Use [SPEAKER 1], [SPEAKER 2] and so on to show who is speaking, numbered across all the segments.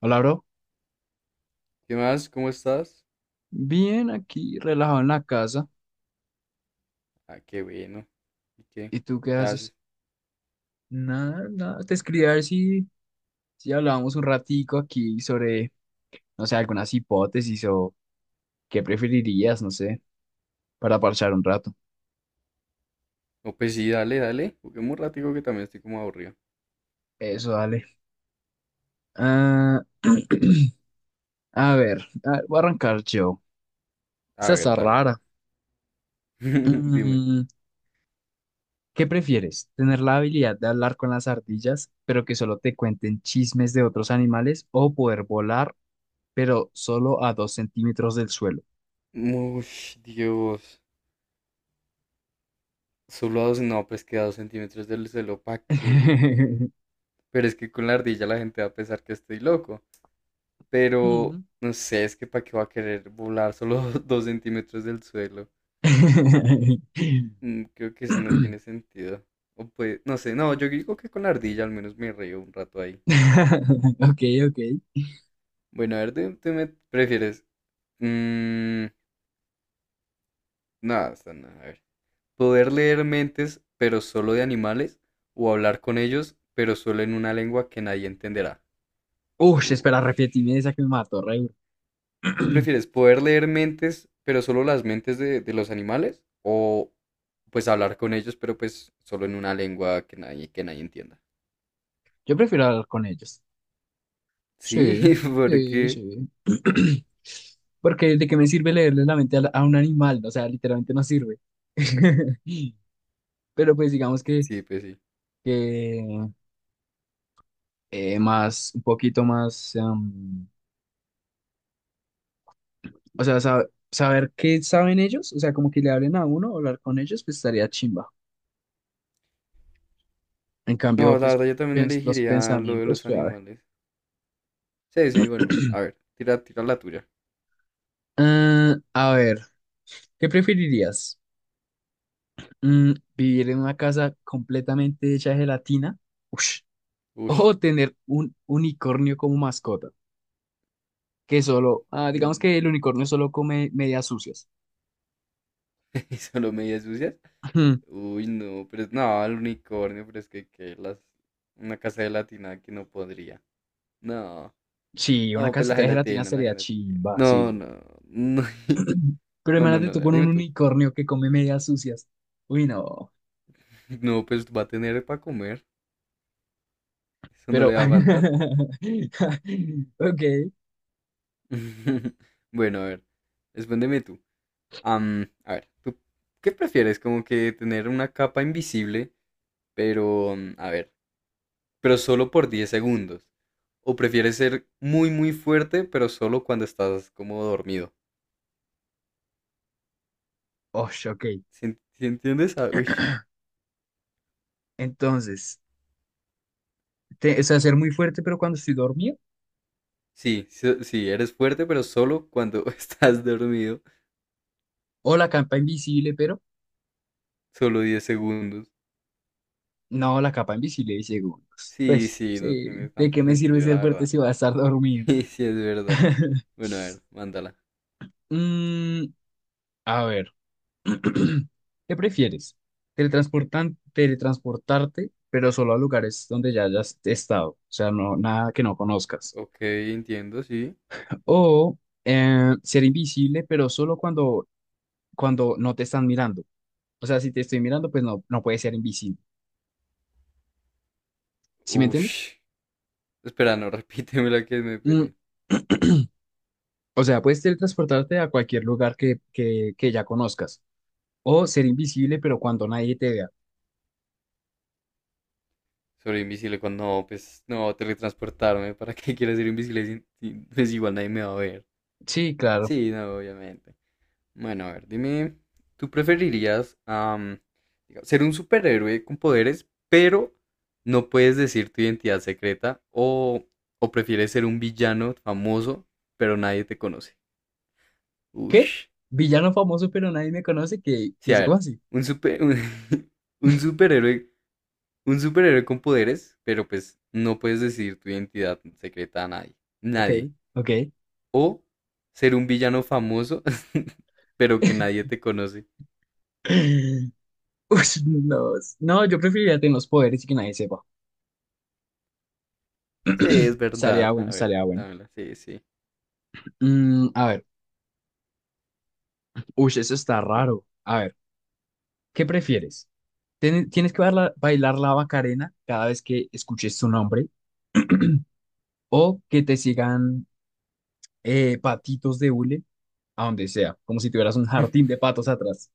[SPEAKER 1] Hola, bro.
[SPEAKER 2] ¿Qué más? ¿Cómo estás?
[SPEAKER 1] Bien, aquí relajado en la casa.
[SPEAKER 2] Ah, qué bueno. ¿Y qué?
[SPEAKER 1] ¿Y tú qué
[SPEAKER 2] ¿Qué haces?
[SPEAKER 1] haces? Nada, nada. Te escribí a ver si hablábamos un ratico aquí sobre, no sé, algunas hipótesis o qué preferirías, no sé, para parchar un rato.
[SPEAKER 2] No, pues sí, dale, dale. Juguemos un ratico que también estoy como aburrido.
[SPEAKER 1] Eso, dale. Ah, a ver, voy a arrancar yo.
[SPEAKER 2] A
[SPEAKER 1] Esa
[SPEAKER 2] ver,
[SPEAKER 1] está
[SPEAKER 2] dale.
[SPEAKER 1] rara.
[SPEAKER 2] Dime.
[SPEAKER 1] Mm, ¿Qué prefieres? ¿Tener la habilidad de hablar con las ardillas, pero que solo te cuenten chismes de otros animales, o poder volar, pero solo a 2 centímetros del suelo?
[SPEAKER 2] Ush, Dios. Solo a dos, no, pues que a 2 centímetros del suelo, ¿pa' qué? Pero es que con la ardilla la gente va a pensar que estoy loco. Pero,
[SPEAKER 1] Mm.
[SPEAKER 2] no sé, es que ¿para qué va a querer volar solo dos centímetros del suelo? Creo que ese no tiene sentido. O pues, no sé, no, yo digo que con la ardilla al menos me río un rato ahí.
[SPEAKER 1] Ok, ok.
[SPEAKER 2] Bueno, a ver, ¿tú me prefieres? Mm, no, está no, a ver. ¿Poder leer mentes, pero solo de animales? ¿O hablar con ellos, pero solo en una lengua que nadie entenderá?
[SPEAKER 1] Ush, espera,
[SPEAKER 2] Ush.
[SPEAKER 1] repetime esa que me mató, re duro.
[SPEAKER 2] ¿Qué prefieres? ¿Poder leer mentes, pero solo las mentes de los animales? ¿O pues hablar con ellos, pero pues solo en una lengua que nadie entienda?
[SPEAKER 1] Yo prefiero hablar con ellos.
[SPEAKER 2] Sí,
[SPEAKER 1] Sí, sí,
[SPEAKER 2] porque...
[SPEAKER 1] sí. Porque de qué me sirve leerle la mente a, a un animal, o sea, literalmente no sirve. Pero pues digamos que,
[SPEAKER 2] Sí, pues sí.
[SPEAKER 1] que más, un poquito más, o sea, saber qué saben ellos, o sea, como que le hablen a uno, hablar con ellos, pues estaría chimba. En cambio,
[SPEAKER 2] No, la
[SPEAKER 1] pues
[SPEAKER 2] verdad yo también
[SPEAKER 1] los
[SPEAKER 2] elegiría lo de
[SPEAKER 1] pensamientos
[SPEAKER 2] los
[SPEAKER 1] suave.
[SPEAKER 2] animales. Sí, sí, bueno. A ver, tira, tira la tuya.
[SPEAKER 1] Ah, a ver, ¿qué preferirías? ¿Vivir en una casa completamente hecha de gelatina? Ush.
[SPEAKER 2] Ush.
[SPEAKER 1] ¿O tener un unicornio como mascota? Que solo, digamos
[SPEAKER 2] un-
[SPEAKER 1] que el unicornio solo come medias sucias.
[SPEAKER 2] solo medias sucias.
[SPEAKER 1] Ujú.
[SPEAKER 2] Uy, no, pero no, el unicornio, pero es que, una casa de gelatina que no podría. No,
[SPEAKER 1] Sí, una
[SPEAKER 2] no, pues la
[SPEAKER 1] casita de gelatina
[SPEAKER 2] gelatina, la
[SPEAKER 1] sería
[SPEAKER 2] gelatina.
[SPEAKER 1] chimba, sí.
[SPEAKER 2] No, no, no.
[SPEAKER 1] Pero
[SPEAKER 2] Bueno,
[SPEAKER 1] imagínate
[SPEAKER 2] no, a
[SPEAKER 1] tú
[SPEAKER 2] ver,
[SPEAKER 1] con
[SPEAKER 2] dime
[SPEAKER 1] un
[SPEAKER 2] tú.
[SPEAKER 1] unicornio que come medias sucias. Uy, no.
[SPEAKER 2] No, pues va a tener para comer. Eso no
[SPEAKER 1] Pero,
[SPEAKER 2] le va a faltar.
[SPEAKER 1] ok,
[SPEAKER 2] Bueno, a ver, respóndeme tú. A ver, ¿tú qué prefieres? Como que tener una capa invisible, pero, a ver, pero solo por 10 segundos. ¿O prefieres ser muy, muy fuerte, pero solo cuando estás como dormido?
[SPEAKER 1] osh ok.
[SPEAKER 2] ¿Sí, sí entiendes? Ah, uish.
[SPEAKER 1] Entonces. O sea, ser muy fuerte, pero cuando estoy dormido.
[SPEAKER 2] Sí, sí, sí, eres fuerte, pero solo cuando estás dormido.
[SPEAKER 1] O la capa invisible, pero
[SPEAKER 2] Solo 10 segundos.
[SPEAKER 1] no, la capa invisible de segundos.
[SPEAKER 2] Sí,
[SPEAKER 1] Pues,
[SPEAKER 2] sí,
[SPEAKER 1] sí,
[SPEAKER 2] no tiene
[SPEAKER 1] ¿de qué
[SPEAKER 2] tanto
[SPEAKER 1] me sirve
[SPEAKER 2] sentido, la
[SPEAKER 1] ser fuerte
[SPEAKER 2] verdad.
[SPEAKER 1] si voy a estar dormido?
[SPEAKER 2] Sí, sí, es verdad. Bueno, a ver, mándala.
[SPEAKER 1] Mm, a ver, ¿qué prefieres? Teletransportarte, pero solo a lugares donde ya hayas estado, o sea, no, nada que no conozcas.
[SPEAKER 2] Ok, entiendo, sí.
[SPEAKER 1] O ser invisible, pero solo cuando no te están mirando. O sea, si te estoy mirando, pues no, no puedes ser invisible. ¿Sí me entiendes?
[SPEAKER 2] Ush. Espera, no, repíteme la que me
[SPEAKER 1] Mm,
[SPEAKER 2] perdí.
[SPEAKER 1] O sea, puedes teletransportarte a cualquier lugar que ya conozcas. O ser invisible, pero cuando nadie te vea.
[SPEAKER 2] Sobre invisible, cuando no, pues no, teletransportarme. ¿Para qué quieres ser invisible pues igual nadie me va a ver?
[SPEAKER 1] Sí, claro.
[SPEAKER 2] Sí, no, obviamente. Bueno, a ver, dime, ¿tú preferirías digamos, ser un superhéroe con poderes, pero no puedes decir tu identidad secreta? ¿O prefieres ser un villano famoso, pero nadie te conoce?
[SPEAKER 1] ¿Qué?
[SPEAKER 2] Ush.
[SPEAKER 1] Villano famoso, pero nadie me conoce. ¿Qué? ¿Qué
[SPEAKER 2] Sí, a
[SPEAKER 1] dice? ¿Cómo
[SPEAKER 2] ver,
[SPEAKER 1] así?
[SPEAKER 2] un, super, un, un superhéroe, un superhéroe con poderes, pero pues no puedes decir tu identidad secreta a nadie.
[SPEAKER 1] Ok,
[SPEAKER 2] Nadie.
[SPEAKER 1] ok.
[SPEAKER 2] O ser un villano famoso, pero que nadie te conoce.
[SPEAKER 1] Ush no, no, yo preferiría tener los poderes y que nadie sepa.
[SPEAKER 2] Sí, es
[SPEAKER 1] Estaría
[SPEAKER 2] verdad. A
[SPEAKER 1] bueno,
[SPEAKER 2] ver,
[SPEAKER 1] estaría bueno.
[SPEAKER 2] dámela. Sí, sí.
[SPEAKER 1] A ver. Uy, eso está raro. A ver, ¿qué prefieres? ¿Tienes que bailar la Macarena cada vez que escuches tu nombre? ¿O que te sigan patitos de hule? A donde sea, como si tuvieras un jardín de patos atrás.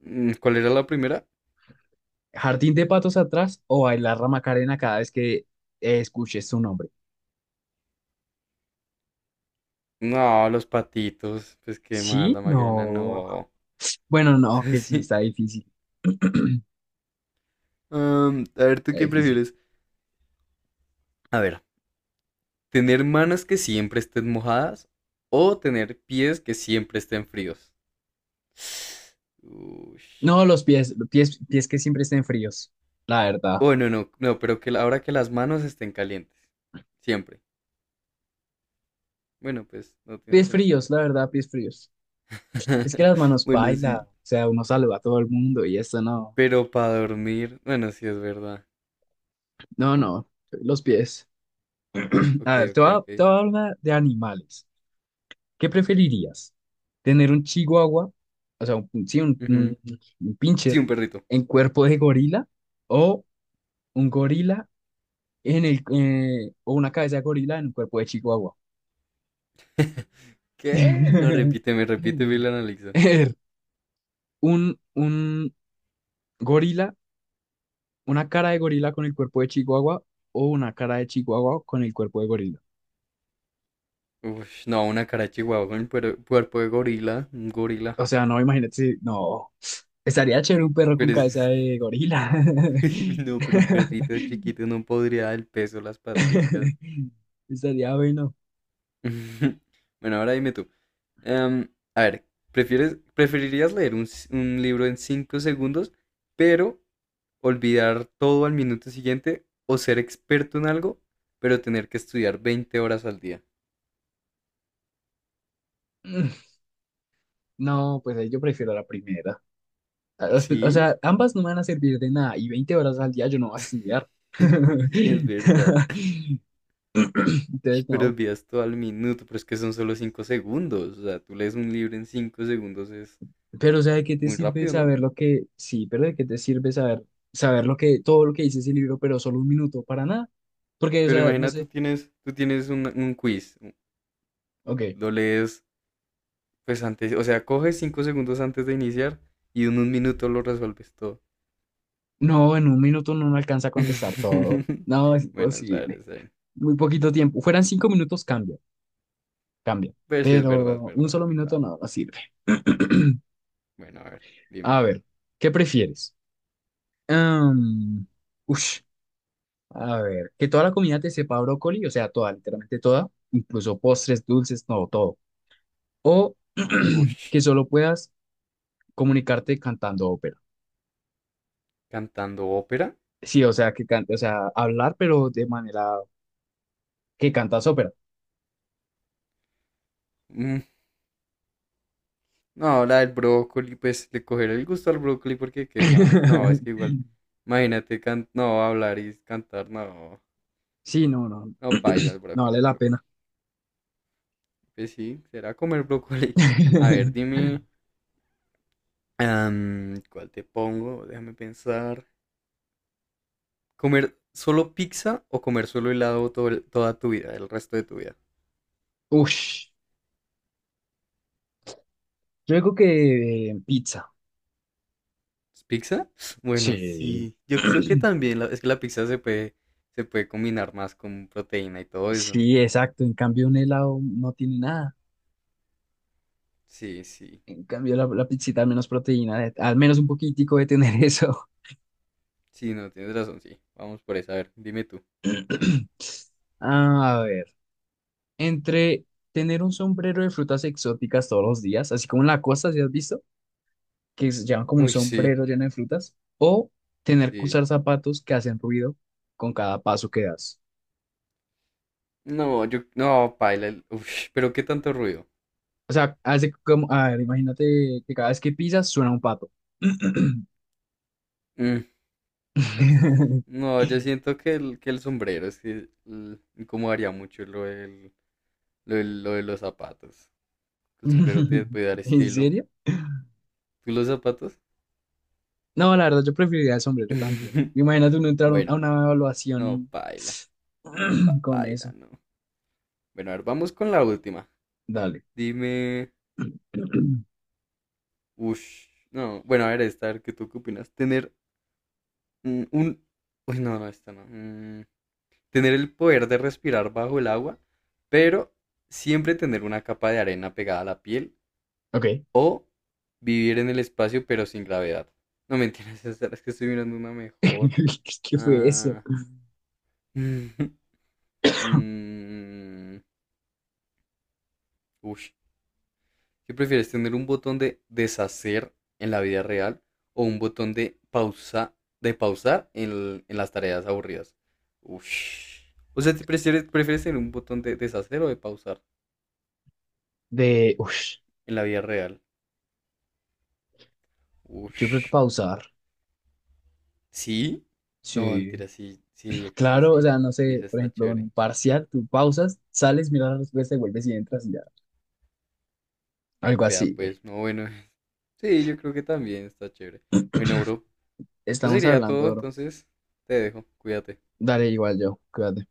[SPEAKER 2] ¿Cuál era la primera?
[SPEAKER 1] Jardín de patos atrás o bailar la Macarena cada vez que escuches su nombre.
[SPEAKER 2] No, los patitos. Pues qué mal,
[SPEAKER 1] Sí,
[SPEAKER 2] la Macarena,
[SPEAKER 1] no.
[SPEAKER 2] no.
[SPEAKER 1] Bueno, no, que sí,
[SPEAKER 2] Sí.
[SPEAKER 1] está difícil,
[SPEAKER 2] A ver, ¿tú
[SPEAKER 1] está
[SPEAKER 2] qué
[SPEAKER 1] difícil.
[SPEAKER 2] prefieres? A ver, ¿tener manos que siempre estén mojadas o tener pies que siempre estén fríos? Uy.
[SPEAKER 1] No, los pies, pies que siempre estén fríos, la verdad.
[SPEAKER 2] Bueno, no, no, pero que ahora que las manos estén calientes. Siempre. Bueno, pues no tiene
[SPEAKER 1] Pies fríos,
[SPEAKER 2] sentido.
[SPEAKER 1] la verdad, pies fríos. Es que las manos
[SPEAKER 2] Bueno,
[SPEAKER 1] baila,
[SPEAKER 2] sí.
[SPEAKER 1] o sea, uno saluda a todo el mundo y esto no.
[SPEAKER 2] Pero para dormir, bueno, sí es verdad.
[SPEAKER 1] No, no, los pies.
[SPEAKER 2] Ok,
[SPEAKER 1] A ver, te
[SPEAKER 2] ok,
[SPEAKER 1] voy a, te
[SPEAKER 2] ok.
[SPEAKER 1] voy a hablar de animales. ¿Qué preferirías? ¿Tener un chihuahua, o sea, un, sí,
[SPEAKER 2] Ujú.
[SPEAKER 1] un
[SPEAKER 2] Sí,
[SPEAKER 1] pincher
[SPEAKER 2] un perrito.
[SPEAKER 1] en cuerpo de gorila o un gorila en el, o una cabeza de gorila en un cuerpo de chihuahua?
[SPEAKER 2] ¿Qué? No, repíteme la analiza.
[SPEAKER 1] Er, un gorila, una cara de gorila con el cuerpo de chihuahua o una cara de chihuahua con el cuerpo de gorila.
[SPEAKER 2] Uf, no, una cara de chihuahua con cuerpo de gorila. Un gorila,
[SPEAKER 1] O
[SPEAKER 2] ja.
[SPEAKER 1] sea, no, imagínate, no, estaría chévere un perro con
[SPEAKER 2] Pero
[SPEAKER 1] cabeza
[SPEAKER 2] es...
[SPEAKER 1] de gorila.
[SPEAKER 2] No, pero un perrito chiquito no podría dar el peso, las paticas.
[SPEAKER 1] Estaría bueno.
[SPEAKER 2] Bueno, ahora dime tú. Em, a ver, ¿preferirías leer un libro en 5 segundos, pero olvidar todo al minuto siguiente, o ser experto en algo, pero tener que estudiar 20 horas al día?
[SPEAKER 1] Mm, No, pues ahí yo prefiero la primera. Ah, o
[SPEAKER 2] Sí,
[SPEAKER 1] sea, ambas no me van a servir de nada y 20 horas al día yo no voy a estudiar.
[SPEAKER 2] sí, es verdad.
[SPEAKER 1] Entonces,
[SPEAKER 2] Pero
[SPEAKER 1] no.
[SPEAKER 2] envías todo al minuto, pero es que son solo 5 segundos. O sea, tú lees un libro en 5 segundos, es
[SPEAKER 1] Pero, o sea, ¿de qué te
[SPEAKER 2] muy
[SPEAKER 1] sirve
[SPEAKER 2] rápido, ¿no?
[SPEAKER 1] saber lo que... Sí, pero ¿de qué te sirve saber, saber todo lo que dice ese libro, pero solo un minuto para nada? Porque, o
[SPEAKER 2] Pero
[SPEAKER 1] sea, no
[SPEAKER 2] imagina, tú
[SPEAKER 1] sé.
[SPEAKER 2] tienes, tú tienes un quiz,
[SPEAKER 1] Ok.
[SPEAKER 2] lo lees, pues antes, o sea, coges 5 segundos antes de iniciar y en un minuto lo resuelves todo.
[SPEAKER 1] No, en un minuto no me alcanza a contestar todo. No, es
[SPEAKER 2] Bueno, es
[SPEAKER 1] imposible.
[SPEAKER 2] verdad. ver
[SPEAKER 1] Muy poquito tiempo. Fueran 5 minutos, cambia. Cambia.
[SPEAKER 2] Ver si es verdad, es
[SPEAKER 1] Pero un
[SPEAKER 2] verdad, es
[SPEAKER 1] solo minuto
[SPEAKER 2] verdad.
[SPEAKER 1] no, no sirve.
[SPEAKER 2] Bueno, a ver, dime.
[SPEAKER 1] A ver, ¿qué prefieres? Am, ush, a ver, que toda la comida te sepa a brócoli, o sea, toda, literalmente toda, incluso postres, dulces, no, todo. O
[SPEAKER 2] Ush,
[SPEAKER 1] que solo puedas comunicarte cantando ópera.
[SPEAKER 2] cantando ópera.
[SPEAKER 1] Sí, o sea, que o sea, hablar, pero de manera que cantas ópera.
[SPEAKER 2] No, la del brócoli, pues le coger el gusto al brócoli porque qué más. No, es que igual, imagínate, no, hablar y cantar, no,
[SPEAKER 1] Sí, no, no,
[SPEAKER 2] no paila el
[SPEAKER 1] no
[SPEAKER 2] brócoli,
[SPEAKER 1] vale
[SPEAKER 2] el
[SPEAKER 1] la
[SPEAKER 2] brócoli.
[SPEAKER 1] pena.
[SPEAKER 2] Pues sí, será comer brócoli. A ver, dime, ¿cuál te pongo? Déjame pensar. ¿Comer solo pizza o comer solo helado todo toda tu vida, el resto de tu vida?
[SPEAKER 1] Ush, yo digo que pizza.
[SPEAKER 2] ¿Es ¿Pizza? Bueno,
[SPEAKER 1] Sí.
[SPEAKER 2] sí, yo creo que también, es que la pizza se puede, combinar más con proteína y todo eso.
[SPEAKER 1] Sí, exacto. En cambio, un helado no tiene nada.
[SPEAKER 2] Sí, sí.
[SPEAKER 1] En cambio, la pizzita al menos proteína, al menos un poquitico de tener eso.
[SPEAKER 2] Sí, no, tienes razón, sí. Vamos por esa, a ver, dime tú.
[SPEAKER 1] A ver, entre tener un sombrero de frutas exóticas todos los días, así como en la costa, ¿si has visto? Que se llevan como un
[SPEAKER 2] Uy, sí,
[SPEAKER 1] sombrero lleno de frutas, o tener que
[SPEAKER 2] sí.
[SPEAKER 1] usar zapatos que hacen ruido con cada paso que das.
[SPEAKER 2] No, yo, no, paila, uy, pero qué tanto ruido.
[SPEAKER 1] O sea, hace como, a ver, imagínate que cada vez que pisas suena un pato.
[SPEAKER 2] Mm, no, yo siento que el sombrero, es que incomodaría mucho lo de los zapatos. El sombrero te puede dar
[SPEAKER 1] ¿En
[SPEAKER 2] estilo.
[SPEAKER 1] serio?
[SPEAKER 2] ¿Tú los zapatos?
[SPEAKER 1] No, la verdad, yo preferiría el sombrero también. Imagínate uno entrar
[SPEAKER 2] Bueno,
[SPEAKER 1] a
[SPEAKER 2] a
[SPEAKER 1] una
[SPEAKER 2] ver.
[SPEAKER 1] evaluación
[SPEAKER 2] No, paila,
[SPEAKER 1] y con
[SPEAKER 2] paila,
[SPEAKER 1] eso.
[SPEAKER 2] no. Bueno, a ver, vamos con la última.
[SPEAKER 1] Dale.
[SPEAKER 2] Dime, uff, no, bueno, a ver, esta, a ver, ¿qué tú qué opinas? ¿Tener Un... Uy, no, no, esta no. Tener el poder de respirar bajo el agua, pero siempre tener una capa de arena pegada a la piel
[SPEAKER 1] Ok.
[SPEAKER 2] o vivir en el espacio pero sin gravedad. No mentiras, es que estoy mirando una mejor.
[SPEAKER 1] ¿Qué fue eso?
[SPEAKER 2] Ah, mm, mm, ush. ¿Qué prefieres, tener un botón de deshacer en la vida real o un botón de pausar en las tareas aburridas? Uf. O sea, ¿prefieres tener un botón de deshacer o de pausar
[SPEAKER 1] De, uff,
[SPEAKER 2] en la vida real?
[SPEAKER 1] yo creo que
[SPEAKER 2] Uf.
[SPEAKER 1] pausar.
[SPEAKER 2] ¿Sí? No,
[SPEAKER 1] Sí.
[SPEAKER 2] mentira, sí, sí, yo creo que
[SPEAKER 1] Claro, o
[SPEAKER 2] sí.
[SPEAKER 1] sea, no
[SPEAKER 2] Uy,
[SPEAKER 1] sé,
[SPEAKER 2] esa
[SPEAKER 1] por
[SPEAKER 2] está
[SPEAKER 1] ejemplo, en
[SPEAKER 2] chévere.
[SPEAKER 1] un parcial, tú pausas, sales, miras la respuesta y vuelves y entras y ya. Algo
[SPEAKER 2] Vea,
[SPEAKER 1] así.
[SPEAKER 2] pues, no, bueno. Sí, yo creo que también está chévere. Bueno, bro, eso
[SPEAKER 1] Estamos
[SPEAKER 2] sería todo,
[SPEAKER 1] hablando, bro.
[SPEAKER 2] entonces te dejo, cuídate.
[SPEAKER 1] Dale igual yo. Cuídate.